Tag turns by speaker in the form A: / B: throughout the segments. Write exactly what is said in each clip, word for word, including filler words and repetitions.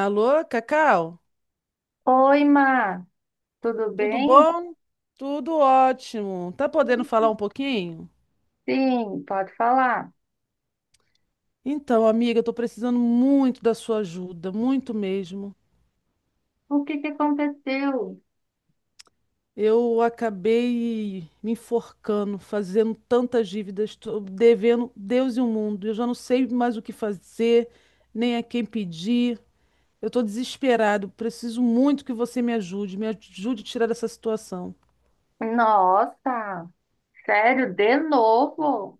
A: Alô, Cacau?
B: Oi, Má, tudo
A: Tudo
B: bem?
A: bom? Tudo ótimo. Tá podendo falar um pouquinho?
B: Sim, pode falar.
A: Então, amiga, eu tô precisando muito da sua ajuda, muito mesmo.
B: O que que aconteceu?
A: Eu acabei me enforcando, fazendo tantas dívidas, tô devendo Deus e o mundo. Eu já não sei mais o que fazer, nem a quem pedir. Eu tô desesperado, preciso muito que você me ajude, me ajude a tirar dessa situação.
B: Nossa, sério, de novo?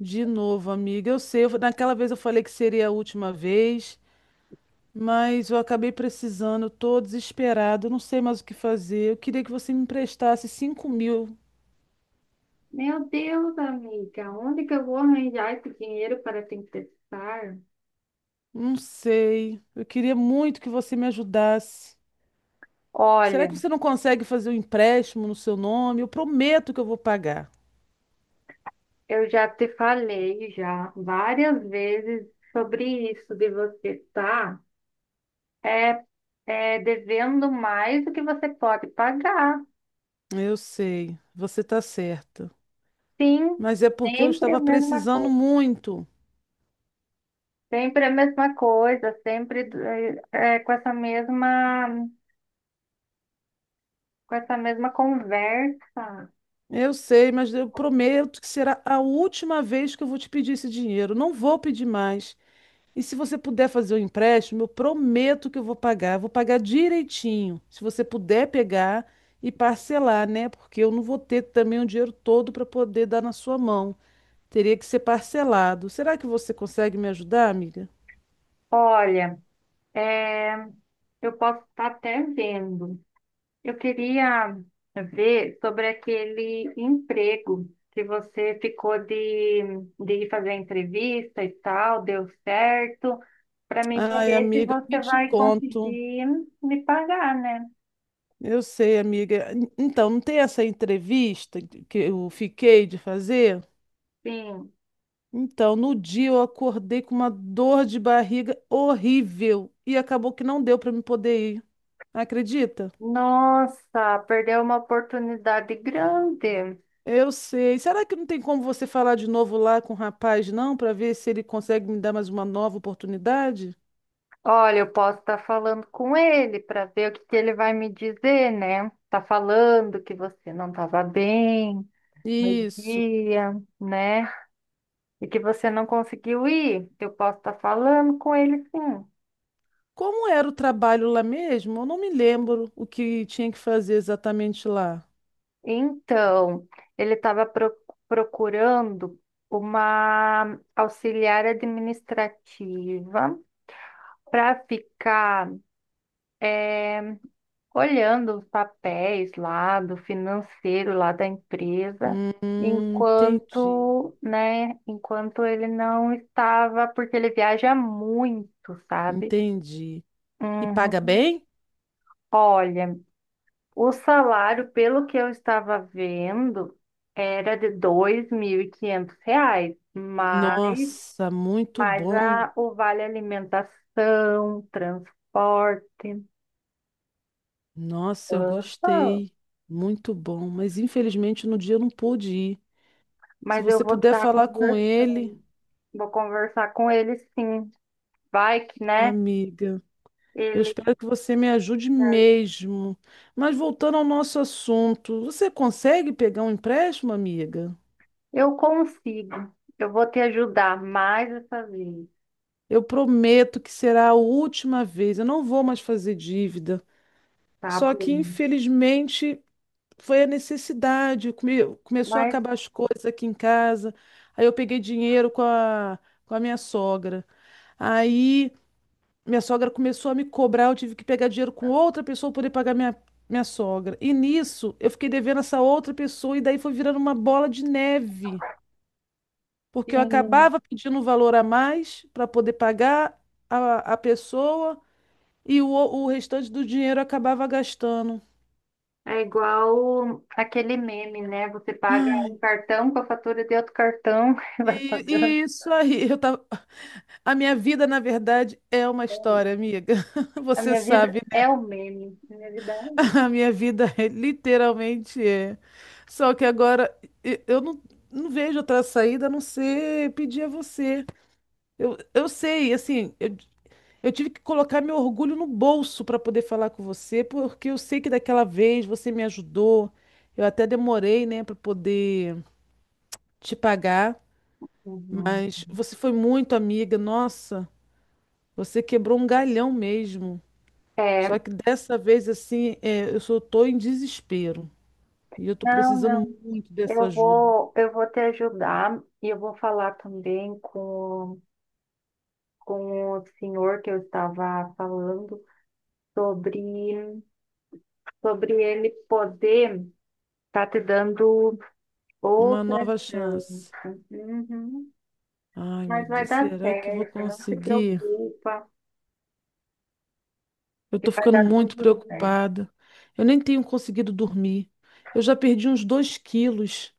A: De novo, amiga. Eu sei, eu- naquela vez eu falei que seria a última vez. Mas eu acabei precisando, eu tô desesperado, não sei mais o que fazer. Eu queria que você me emprestasse cinco mil.
B: Meu Deus, amiga, onde que eu vou arranjar esse dinheiro para te emprestar?
A: Não sei. Eu queria muito que você me ajudasse. Será
B: Olha,
A: que você não consegue fazer um empréstimo no seu nome? Eu prometo que eu vou pagar.
B: eu já te falei já várias vezes sobre isso de você estar é, é, devendo mais do que você pode pagar.
A: Eu sei, você está certa.
B: Sim,
A: Mas é porque eu
B: sempre a
A: estava
B: mesma
A: precisando
B: coisa.
A: muito.
B: Sempre a mesma coisa, sempre eh, eh, com essa mesma, com essa mesma conversa.
A: Eu sei, mas eu prometo que será a última vez que eu vou te pedir esse dinheiro. Não vou pedir mais. E se você puder fazer o empréstimo, eu prometo que eu vou pagar, vou pagar direitinho. Se você puder pegar e parcelar, né? Porque eu não vou ter também o dinheiro todo para poder dar na sua mão. Teria que ser parcelado. Será que você consegue me ajudar, amiga?
B: Olha, eh, eu posso estar até vendo. Eu queria ver sobre aquele emprego que você ficou de, de ir fazer a entrevista e tal, deu certo, para mim
A: Ai,
B: saber se
A: amiga,
B: você
A: nem te
B: vai
A: conto.
B: conseguir me pagar, né?
A: Eu sei, amiga. En- Então, não tem essa entrevista que eu fiquei de fazer?
B: Sim.
A: Então, no dia eu acordei com uma dor de barriga horrível e acabou que não deu para me poder ir. Acredita?
B: Nossa, perdeu uma oportunidade grande.
A: Eu sei. Será que não tem como você falar de novo lá com o rapaz, não, para ver se ele consegue me dar mais uma nova oportunidade?
B: Olha, eu posso estar falando com ele para ver o que que ele vai me dizer, né? Tá falando que você não estava bem no
A: Isso.
B: dia, né? E que você não conseguiu ir. Eu posso estar falando com ele, sim.
A: Como era o trabalho lá mesmo? Eu não me lembro o que tinha que fazer exatamente lá.
B: Então, ele estava procurando uma auxiliar administrativa para ficar olhando os papéis lá do financeiro lá da empresa,
A: Hum, entendi.
B: enquanto, né, enquanto ele não estava, porque ele viaja muito, sabe?
A: Entendi. E paga
B: Uhum.
A: bem?
B: Olha, o salário, pelo que eu estava vendo, era de dois mil e quinhentos reais, mas
A: Nossa, muito
B: mais
A: bom.
B: a, o vale alimentação, transporte.
A: Nossa, eu
B: Aham.
A: gostei. Muito bom. Mas infelizmente no dia eu não pude ir. Se
B: Mas eu
A: você
B: vou
A: puder
B: estar.
A: falar com ele,
B: Vou conversar com ele sim. Vai que, né?
A: amiga. Eu
B: Ele.
A: espero que você me ajude mesmo. Mas voltando ao nosso assunto, você consegue pegar um empréstimo, amiga?
B: Eu consigo. Eu vou te ajudar mais essa vez,
A: Eu prometo que será a última vez. Eu não vou mais fazer dívida.
B: tá
A: Só que,
B: bom?
A: infelizmente, foi a necessidade. Come- Começou a
B: Mas
A: acabar as coisas aqui em casa. Aí eu peguei dinheiro com a, com a minha sogra. Aí. Minha sogra começou a me cobrar, eu tive que pegar dinheiro com outra pessoa para poder pagar minha, minha sogra. E nisso, eu fiquei devendo essa outra pessoa e daí foi virando uma bola de neve, porque eu
B: sim.
A: acabava pedindo um valor a mais para poder pagar a, a pessoa e o, o restante do dinheiro eu acabava gastando.
B: É igual aquele meme, né? Você paga um
A: Ai,
B: cartão com a fatura de outro cartão e vai
A: e,
B: pagando.
A: e isso aí, eu tava... A minha vida, na verdade, é uma história, amiga.
B: A
A: Você
B: minha vida
A: sabe.
B: é o meme. A minha vida é um meme.
A: A minha vida é- literalmente é. Só que agora e- eu não, não vejo outra saída a não ser pedir a você. Eu, eu sei, assim, eu, eu tive que colocar meu orgulho no bolso para poder falar com você, porque eu sei que daquela vez você me ajudou. Eu até demorei, né, para poder te pagar,
B: Uhum.
A: mas você foi muito amiga, nossa, você quebrou um galhão mesmo. Só
B: É,
A: que dessa vez, assim, é, eu só tô em desespero. E eu tô
B: não, não.
A: precisando muito dessa
B: Eu
A: ajuda.
B: vou, eu vou te ajudar e eu vou falar também com com o senhor que eu estava falando sobre, sobre ele poder estar te dando
A: Uma
B: outra
A: nova
B: chance.
A: chance.
B: Uhum.
A: Ai, meu
B: Mas vai
A: Deus,
B: dar
A: será que eu vou
B: certo, não se
A: conseguir?
B: preocupa,
A: Eu
B: que
A: tô
B: vai
A: ficando
B: dar
A: muito
B: tudo certo.
A: preocupada. Eu nem tenho conseguido dormir. Eu já perdi uns dois quilos.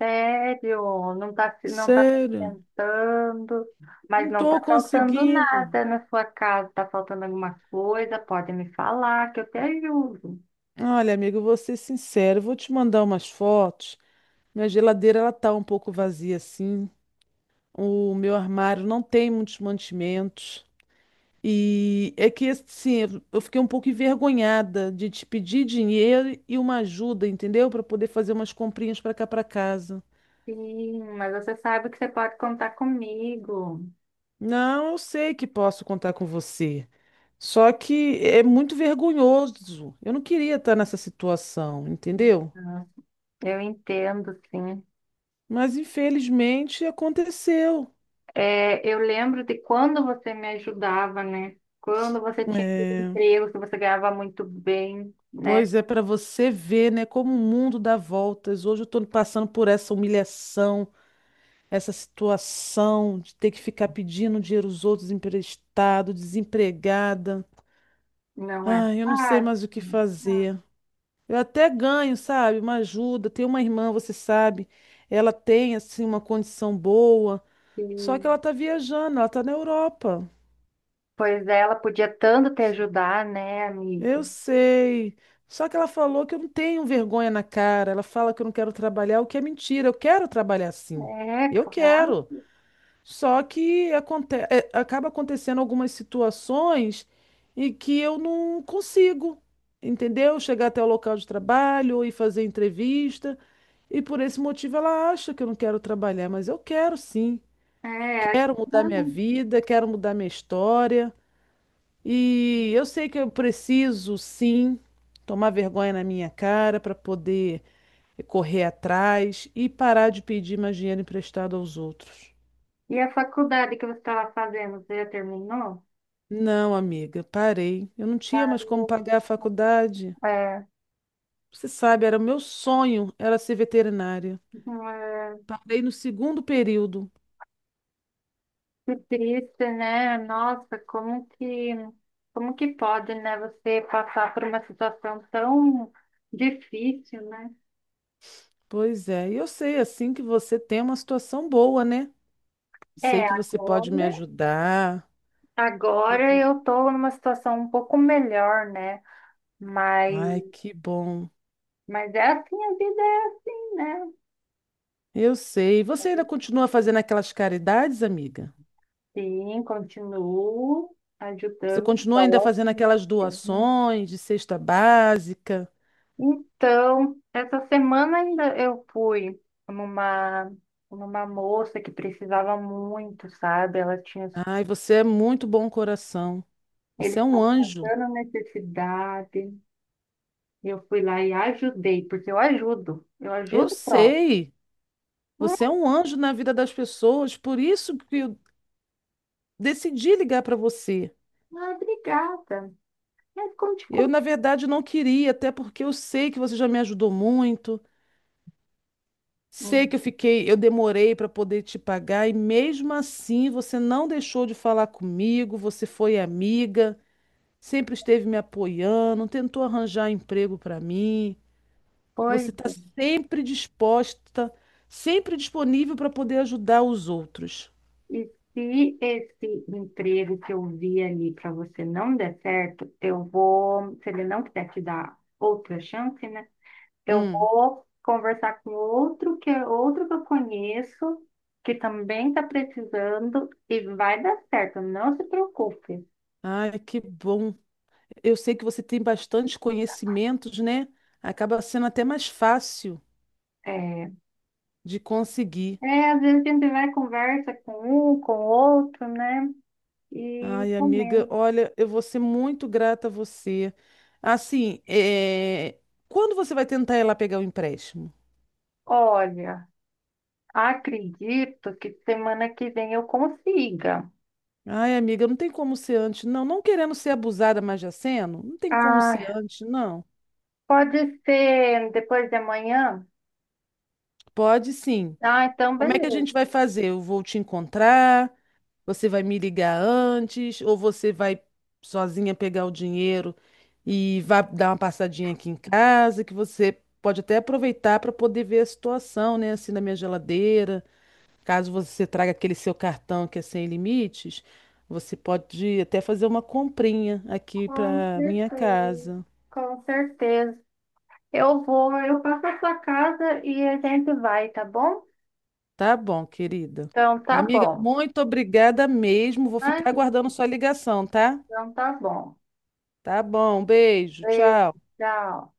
B: Sério, não tá, se- não tá se
A: Sério,
B: alimentando, mas
A: não
B: não tá
A: tô
B: faltando
A: conseguindo.
B: nada na sua casa, tá faltando alguma coisa, pode me falar que eu te ajudo.
A: Olha, amigo, eu vou ser sincero, eu vou te mandar umas fotos. Minha geladeira ela tá um pouco vazia assim. O meu armário não tem muitos mantimentos. E é que assim, eu fiquei um pouco envergonhada de te pedir dinheiro e uma ajuda, entendeu? Para poder fazer umas comprinhas para cá para casa.
B: Sim, mas você sabe que você pode contar comigo.
A: Não, eu sei que posso contar com você. Só que é muito vergonhoso. Eu não queria estar nessa situação, entendeu?
B: Então, eu entendo, sim.
A: Mas infelizmente aconteceu.
B: É, eu lembro de quando você me ajudava, né? Quando você tinha aquele
A: É,
B: emprego, que você ganhava muito bem, né?
A: pois é, para você ver, né, como o mundo dá voltas. Hoje eu estou passando por essa humilhação. Essa situação de ter que ficar pedindo dinheiro aos outros emprestado, desempregada.
B: Não é
A: Ai, eu não sei
B: fácil,
A: mais o que
B: não é fácil.
A: fazer. Eu até ganho, sabe? Uma ajuda. Tem uma irmã, você sabe, ela tem assim uma condição boa,
B: E
A: só que ela tá viajando, ela tá na Europa.
B: pois é, ela podia tanto te ajudar, né, amiga?
A: Eu sei. Só que ela falou que eu não tenho vergonha na cara. Ela fala que eu não quero trabalhar, o que é mentira. Eu quero trabalhar sim.
B: É,
A: Eu
B: claro.
A: quero. Só que aconte é, acaba acontecendo algumas situações em que eu não consigo, entendeu? Chegar até o local de trabalho e fazer entrevista. E por esse motivo ela acha que eu não quero trabalhar, mas eu quero sim.
B: É,
A: Quero mudar minha
B: claro.
A: vida, quero mudar minha história. E eu sei que eu preciso sim tomar vergonha na minha cara para poder correr atrás e parar de pedir mais dinheiro emprestado aos outros.
B: E a faculdade que você estava fazendo, você já terminou?
A: Não, amiga, parei. Eu não tinha mais como
B: Parou.
A: pagar a faculdade.
B: É,
A: Você sabe, era o meu sonho, era ser veterinária.
B: é.
A: Parei no segundo período.
B: Que triste, né? Nossa, como que, como que pode, né, você passar por uma situação tão difícil, né?
A: Pois é, e eu sei assim que você tem uma situação boa, né? Sei
B: É,
A: que você pode me
B: agora,
A: ajudar. Sei
B: agora
A: que-
B: eu tô numa situação um pouco melhor, né? Mas,
A: Ai, que bom.
B: mas é assim, a vida é assim, né?
A: Eu sei. Você ainda continua fazendo aquelas caridades, amiga?
B: Sim, continuo
A: Você
B: ajudando o
A: continua ainda fazendo
B: próximo,
A: aquelas
B: sim.
A: doações de cesta básica?
B: Então, essa semana ainda eu fui numa, numa moça que precisava muito, sabe? Ela tinha,
A: Ai, você é muito bom coração.
B: ele
A: Você é um
B: estava
A: anjo.
B: passando necessidade. E eu fui lá e ajudei, porque eu ajudo, eu
A: Eu
B: ajudo o próximo.
A: sei. Você é um anjo na vida das pessoas, por isso que eu decidi ligar para você.
B: Ah, obrigada. Mas conte
A: Eu, na
B: comigo.
A: verdade, não queria, até porque eu sei que você já me ajudou muito, sei
B: Hum,
A: que eu fiquei, eu demorei para poder te pagar e mesmo assim você não deixou de falar comigo, você foi amiga, sempre esteve me apoiando, tentou arranjar emprego para mim. Você
B: Pois
A: está
B: é.
A: sempre disposta, sempre disponível para poder ajudar os outros.
B: E se esse emprego que eu vi ali para você não der certo, eu vou, se ele não quiser te dar outra chance, né? Eu
A: Hum.
B: vou conversar com outro que é outro que eu conheço, que também está precisando e vai dar certo, não se preocupe.
A: Ai, que bom. Eu sei que você tem bastantes conhecimentos, né? Acaba sendo até mais fácil
B: É,
A: de conseguir.
B: é, às vezes a gente vai e conversa com um, com outro, né? E
A: Ai, amiga,
B: comenta.
A: olha, eu vou ser muito grata a você. Assim, é, quando você vai tentar ir lá pegar o empréstimo?
B: Olha, acredito que semana que vem eu consiga.
A: Ai, amiga, não tem como ser antes, não. Não querendo ser abusada, mas já sendo, não tem como ser
B: Ah,
A: antes, não.
B: pode ser depois de amanhã?
A: Pode sim.
B: Ah, então
A: Como é que a
B: beleza.
A: gente vai fazer? Eu vou te encontrar? Você vai me ligar antes ou você vai sozinha pegar o dinheiro e vai dar uma passadinha aqui em casa, que você pode até aproveitar para poder ver a situação, né, assim na minha geladeira. Caso você traga aquele seu cartão que é sem limites, você pode até fazer uma comprinha aqui
B: Com
A: para minha
B: certeza.
A: casa.
B: Com certeza. Eu vou, eu passo a sua casa e a gente vai, tá bom?
A: Tá bom, querida.
B: Então tá
A: Amiga,
B: bom.
A: muito obrigada mesmo. Vou ficar
B: Imagina,
A: aguardando sua ligação, tá?
B: então tá bom.
A: Tá bom, beijo,
B: Beijo,
A: tchau.
B: tchau.